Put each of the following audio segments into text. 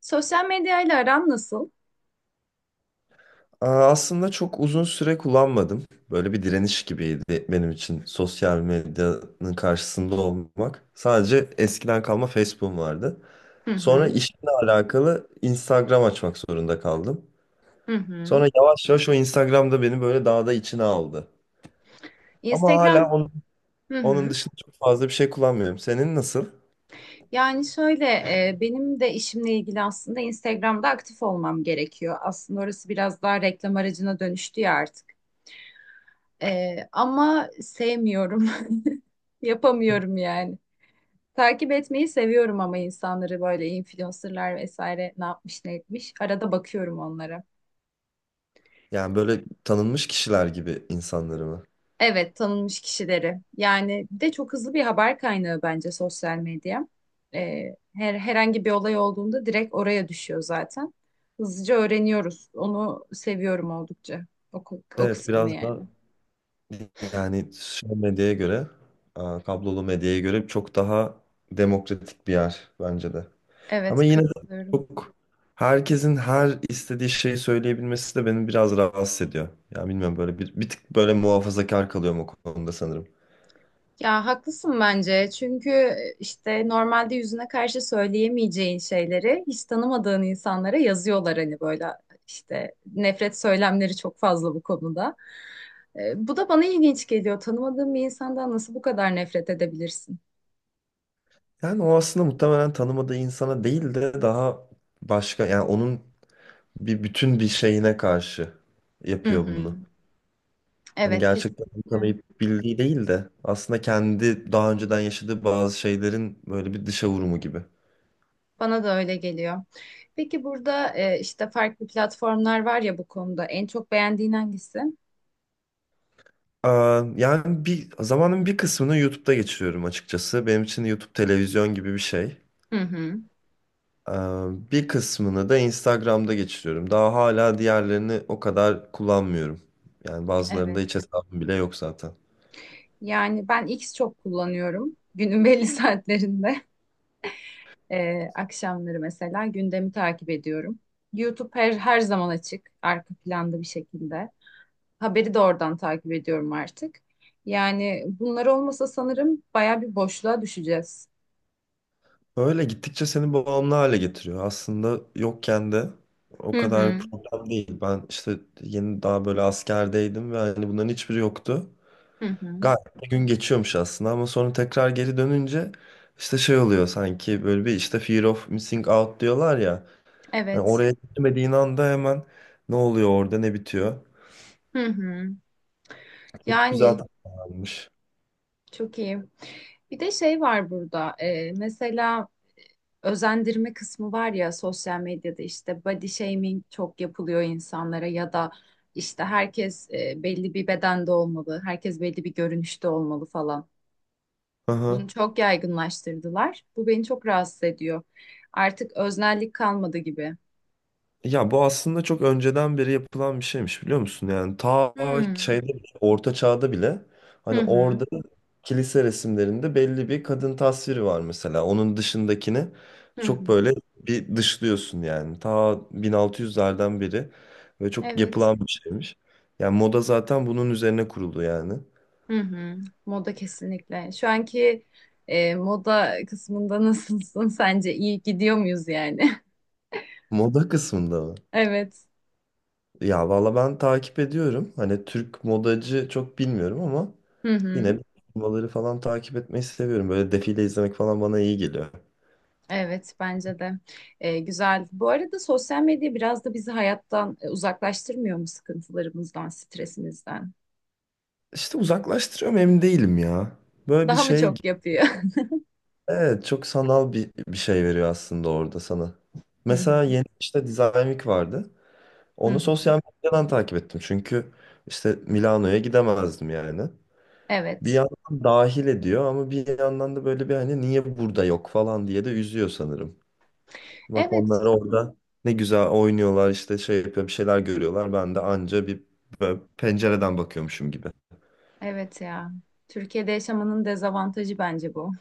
Sosyal medyayla aran nasıl? Aslında çok uzun süre kullanmadım. Böyle bir direniş gibiydi benim için sosyal medyanın karşısında olmak. Sadece eskiden kalma Facebook'um vardı. Hı Sonra hı, işimle alakalı Instagram açmak zorunda kaldım. hı hı, Sonra yavaş yavaş o Instagram'da beni böyle daha da içine aldı. Ama hala Instagram onun, hı hı. dışında çok fazla bir şey kullanmıyorum. Senin nasıl? Yani şöyle, benim de işimle ilgili aslında Instagram'da aktif olmam gerekiyor. Aslında orası biraz daha reklam aracına dönüştü ya artık. Ama sevmiyorum. Yapamıyorum yani. Takip etmeyi seviyorum ama insanları böyle influencerlar vesaire ne yapmış ne etmiş. Arada bakıyorum onlara. Yani böyle tanınmış kişiler gibi insanları mı? Evet, tanınmış kişileri. Yani bir de çok hızlı bir haber kaynağı bence sosyal medya. Ee, herhangi bir olay olduğunda direkt oraya düşüyor zaten. Hızlıca öğreniyoruz. Onu seviyorum oldukça. O, o Evet, kısmını biraz da yani. yani sosyal medyaya göre, a, kablolu medyaya göre çok daha demokratik bir yer bence de. Ama Evet, yine de katılıyorum. çok herkesin her istediği şeyi söyleyebilmesi de beni biraz rahatsız ediyor. Ya bilmiyorum, böyle bir tık böyle muhafazakar kalıyorum o konuda sanırım. Ya haklısın bence. Çünkü işte normalde yüzüne karşı söyleyemeyeceğin şeyleri hiç tanımadığın insanlara yazıyorlar hani böyle işte nefret söylemleri çok fazla bu konuda. Bu da bana ilginç geliyor. Tanımadığın bir insandan nasıl bu kadar nefret edebilirsin? Yani o aslında muhtemelen tanımadığı insana değil de daha başka, yani onun bir bütün bir şeyine karşı Hı yapıyor hı. bunu. Hani Evet, gerçekten kesinlikle. tanıyıp bildiği değil de aslında kendi daha önceden yaşadığı bazı şeylerin böyle bir dışa vurumu gibi. Bana da öyle geliyor. Peki burada işte farklı platformlar var ya bu konuda. En çok beğendiğin hangisi? Yani bir zamanın bir kısmını YouTube'da geçiriyorum açıkçası. Benim için YouTube televizyon gibi bir şey. Hı hı. Bir kısmını da Instagram'da geçiriyorum. Daha hala diğerlerini o kadar kullanmıyorum. Yani bazılarında hiç Evet. hesabım bile yok zaten. Yani ben X çok kullanıyorum. Günün belli saatlerinde. Akşamları mesela gündemi takip ediyorum. YouTube her zaman açık. Arka planda bir şekilde. Haberi de oradan takip ediyorum artık. Yani bunlar olmasa sanırım baya bir boşluğa düşeceğiz. Öyle gittikçe seni bağımlı hale getiriyor. Aslında yokken de o Hı kadar hı. problem değil. Ben işte yeni daha böyle askerdeydim ve hani bunların hiçbiri yoktu. Hı hı. Gayet bir gün geçiyormuş aslında, ama sonra tekrar geri dönünce işte şey oluyor, sanki böyle bir işte fear of missing out diyorlar ya. Hani Evet. oraya gitmediğin anda hemen ne oluyor orada, ne bitiyor. Hı hı. Çok güzel Yani tasarlanmış. çok iyi. Bir de şey var burada. Mesela özendirme kısmı var ya sosyal medyada, işte body shaming çok yapılıyor insanlara ya da işte herkes belli bir bedende olmalı, herkes belli bir görünüşte olmalı falan. Bunu çok yaygınlaştırdılar. Bu beni çok rahatsız ediyor. Artık öznellik kalmadı gibi. Ya bu aslında çok önceden beri yapılan bir şeymiş, biliyor musun? Yani ta Hmm. şeyde bile, Orta Çağ'da bile Hı hani orada hı. kilise resimlerinde belli bir kadın tasviri var mesela. Onun dışındakini Hı hı. çok böyle bir dışlıyorsun yani. Ta 1600'lerden beri ve çok Evet. yapılan bir şeymiş. Yani moda zaten bunun üzerine kuruldu yani. Hı hı. Moda kesinlikle. Şu anki moda kısmında nasılsın sence? İyi gidiyor muyuz yani? Moda kısmında mı? Evet. Ya valla ben takip ediyorum. Hani Türk modacı çok bilmiyorum ama Hı yine hı. de turnuvaları falan takip etmeyi seviyorum. Böyle defile izlemek falan bana iyi geliyor. Evet, bence de. Güzel. Bu arada sosyal medya biraz da bizi hayattan uzaklaştırmıyor mu sıkıntılarımızdan, stresimizden? İşte uzaklaştırıyorum, emin değilim ya. Böyle bir Daha mı şey, çok yapıyor? evet çok sanal bir şey veriyor aslında orada sana. Hı hı. Mesela yeni işte Design Week vardı. Hı Onu hı. sosyal medyadan takip ettim. Çünkü işte Milano'ya gidemezdim yani. Bir Evet. yandan dahil ediyor ama bir yandan da böyle bir, hani niye burada yok falan diye de üzüyor sanırım. Bak Evet. onlar orada ne güzel oynuyorlar, işte şey yapıyor, bir şeyler görüyorlar. Ben de anca bir böyle pencereden bakıyormuşum gibi. Evet ya. Türkiye'de yaşamanın dezavantajı bence bu.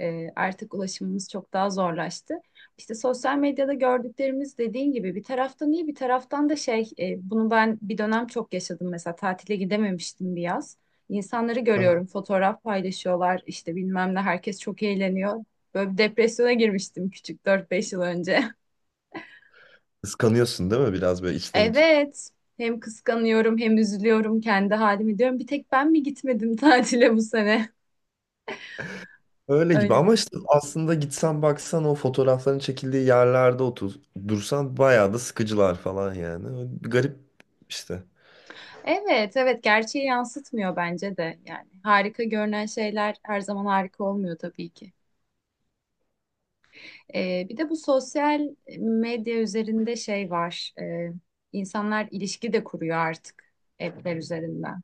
Artık ulaşımımız çok daha zorlaştı. İşte sosyal medyada gördüklerimiz, dediğin gibi, bir taraftan iyi, bir taraftan da şey, bunu ben bir dönem çok yaşadım, mesela tatile gidememiştim bir yaz. İnsanları Aha. görüyorum, fotoğraf paylaşıyorlar, işte bilmem ne, herkes çok eğleniyor. Böyle bir depresyona girmiştim küçük, 4-5 yıl önce. Kıskanıyorsun değil mi, biraz böyle içten içe? Evet, hem kıskanıyorum hem üzülüyorum, kendi halimi diyorum, bir tek ben mi gitmedim tatile bu sene. Öyle gibi ama Öyle. işte aslında gitsen baksan o fotoğrafların çekildiği yerlerde otur, dursan bayağı da sıkıcılar falan yani. Öyle bir garip işte. Evet, evet, gerçeği yansıtmıyor bence de, yani harika görünen şeyler her zaman harika olmuyor tabii ki. Bir de bu sosyal medya üzerinde şey var. İnsanlar ilişki de kuruyor artık, app'ler üzerinden.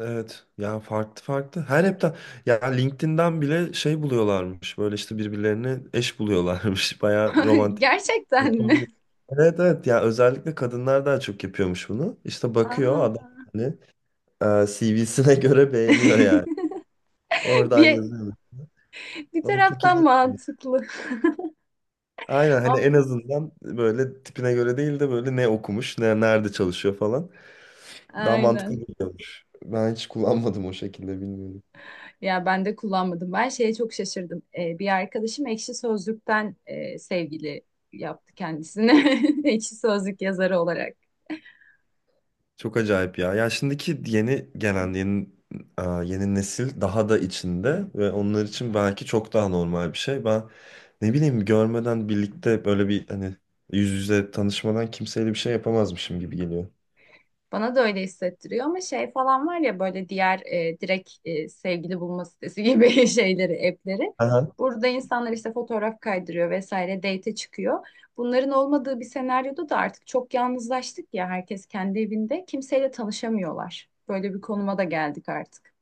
Evet ya, farklı farklı. Her hepten ya LinkedIn'den bile şey buluyorlarmış, böyle işte birbirlerini eş buluyorlarmış. Bayağı romantik. Gerçekten mi? Yapamıyor. Evet evet ya, özellikle kadınlar daha çok yapıyormuş bunu. İşte bakıyor adam, Aa. hani CV'sine göre beğeniyor yani. Oradan Bir, yazıyor. bir Ama çok taraftan ilginç. mantıklı Aynen, hani en ama, azından böyle tipine göre değil de böyle ne okumuş, ne nerede çalışıyor falan. Daha mantıklı aynen. geliyormuş. Ben hiç kullanmadım o şekilde, bilmiyorum. Ya ben de kullanmadım. Ben şeye çok şaşırdım. Bir arkadaşım Ekşi Sözlük'ten sevgili yaptı kendisini. Ekşi Sözlük yazarı olarak. Çok acayip ya. Ya şimdiki yeni gelen, yeni yeni nesil daha da içinde ve onlar için belki çok daha normal bir şey. Ben ne bileyim, görmeden birlikte, böyle bir hani yüz yüze tanışmadan kimseyle bir şey yapamazmışım gibi geliyor. Bana da öyle hissettiriyor, ama şey falan var ya, böyle diğer direkt sevgili bulma sitesi gibi şeyleri, app'leri. Aha. Burada insanlar işte fotoğraf kaydırıyor vesaire, date'e çıkıyor. Bunların olmadığı bir senaryoda da artık çok yalnızlaştık ya, herkes kendi evinde. Kimseyle tanışamıyorlar. Böyle bir konuma da geldik artık.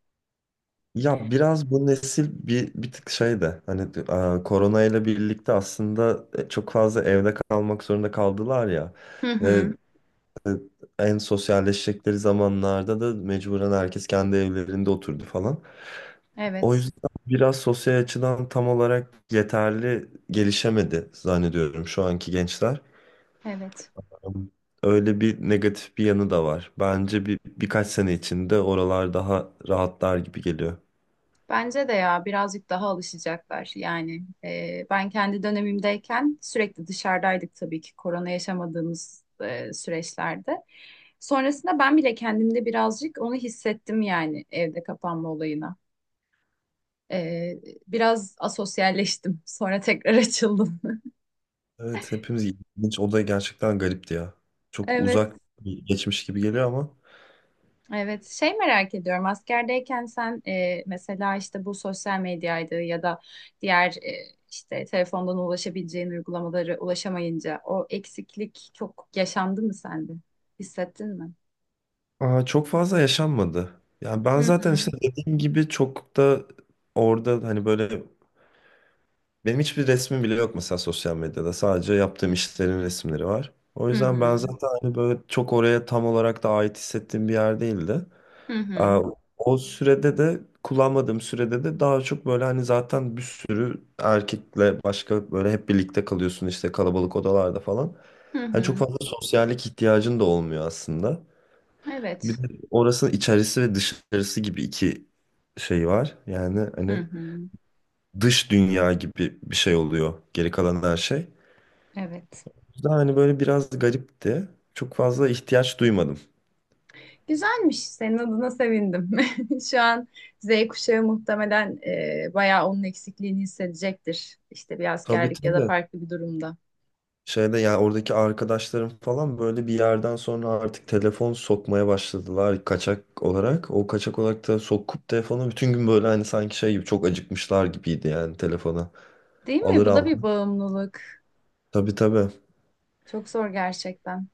Ya biraz bu nesil bir tık şey de, hani korona ile birlikte aslında çok fazla evde kalmak zorunda kaldılar ya. Hı Ve hı. e, en sosyalleşecekleri zamanlarda da mecburen herkes kendi evlerinde oturdu falan. O Evet, yüzden biraz sosyal açıdan tam olarak yeterli gelişemedi zannediyorum şu anki gençler. evet. Öyle bir negatif bir yanı da var. Bence bir birkaç sene içinde oralar daha rahatlar gibi geliyor. Bence de, ya birazcık daha alışacaklar. Yani ben kendi dönemimdeyken sürekli dışarıdaydık tabii ki, korona yaşamadığımız süreçlerde. Sonrasında ben bile kendimde birazcık onu hissettim yani, evde kapanma olayına. Ee, Biraz asosyalleştim. Sonra tekrar açıldım. Evet hepimiz, ilginç. O da gerçekten garipti ya. Çok Evet, uzak bir geçmiş gibi geliyor ama evet. Şey, merak ediyorum. Askerdeyken sen mesela işte bu sosyal medyaydı ya da diğer işte telefondan ulaşabileceğin uygulamaları, ulaşamayınca o eksiklik çok yaşandı mı sende? Hissettin mi? Çok fazla yaşanmadı. Yani ben Hı zaten işte hı. dediğim gibi çok da orada, hani böyle. Benim hiçbir resmim bile yok mesela sosyal medyada. Sadece yaptığım işlerin resimleri var. O Hı hı. yüzden ben zaten hani böyle çok oraya tam olarak da ait hissettiğim bir yer değildi. Hı Ee, hı. O sürede de, kullanmadığım sürede de daha çok böyle hani zaten bir sürü erkekle başka böyle hep birlikte kalıyorsun işte, kalabalık odalarda falan. Hı Hani çok hı. fazla sosyallik ihtiyacın da olmuyor aslında. Evet. Bir de orasının içerisi ve dışarısı gibi iki şey var. Yani Hı hani hı. dış dünya gibi bir şey oluyor geri kalan her şey. Evet. O yüzden hani böyle biraz garipti. Çok fazla ihtiyaç duymadım. Güzelmiş. Senin adına sevindim. Şu an Z kuşağı muhtemelen bayağı onun eksikliğini hissedecektir. İşte bir Tabii askerlik ya da tabii. farklı bir durumda. Şeyde ya oradaki arkadaşlarım falan böyle bir yerden sonra artık telefon sokmaya başladılar kaçak olarak. O kaçak olarak da sokup telefonu bütün gün böyle hani sanki şey gibi, çok acıkmışlar gibiydi yani telefona. Değil mi? Alır Bu da al. bir bağımlılık. Tabii tabii. Çok zor gerçekten.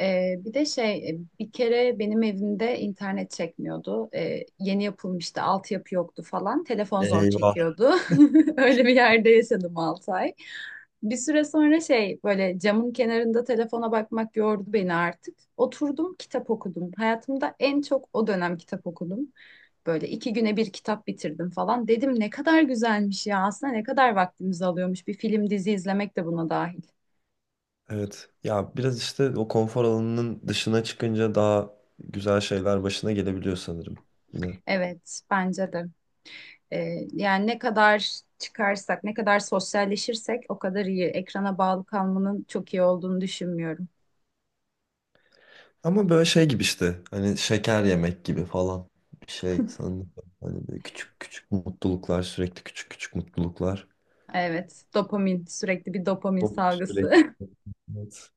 Bir de şey, bir kere benim evimde internet çekmiyordu. Yeni yapılmıştı, altyapı yoktu falan. Telefon zor Eyvah. çekiyordu. Öyle bir yerde yaşadım 6 ay. Bir süre sonra şey, böyle camın kenarında telefona bakmak yordu beni artık. Oturdum, kitap okudum. Hayatımda en çok o dönem kitap okudum. Böyle 2 güne bir kitap bitirdim falan. Dedim ne kadar güzelmiş ya, aslında ne kadar vaktimizi alıyormuş. Bir film, dizi izlemek de buna dahil. Evet. Ya biraz işte o konfor alanının dışına çıkınca daha güzel şeyler başına gelebiliyor sanırım. Yine. Evet, bence de. Yani ne kadar çıkarsak, ne kadar sosyalleşirsek o kadar iyi. Ekrana bağlı kalmanın çok iyi olduğunu düşünmüyorum. Ama böyle şey gibi işte. Hani şeker yemek gibi falan. Bir şey sanırım. Hani böyle küçük küçük mutluluklar. Sürekli küçük küçük mutluluklar. Evet, dopamin, sürekli bir dopamin O sürekli. salgısı. Evet.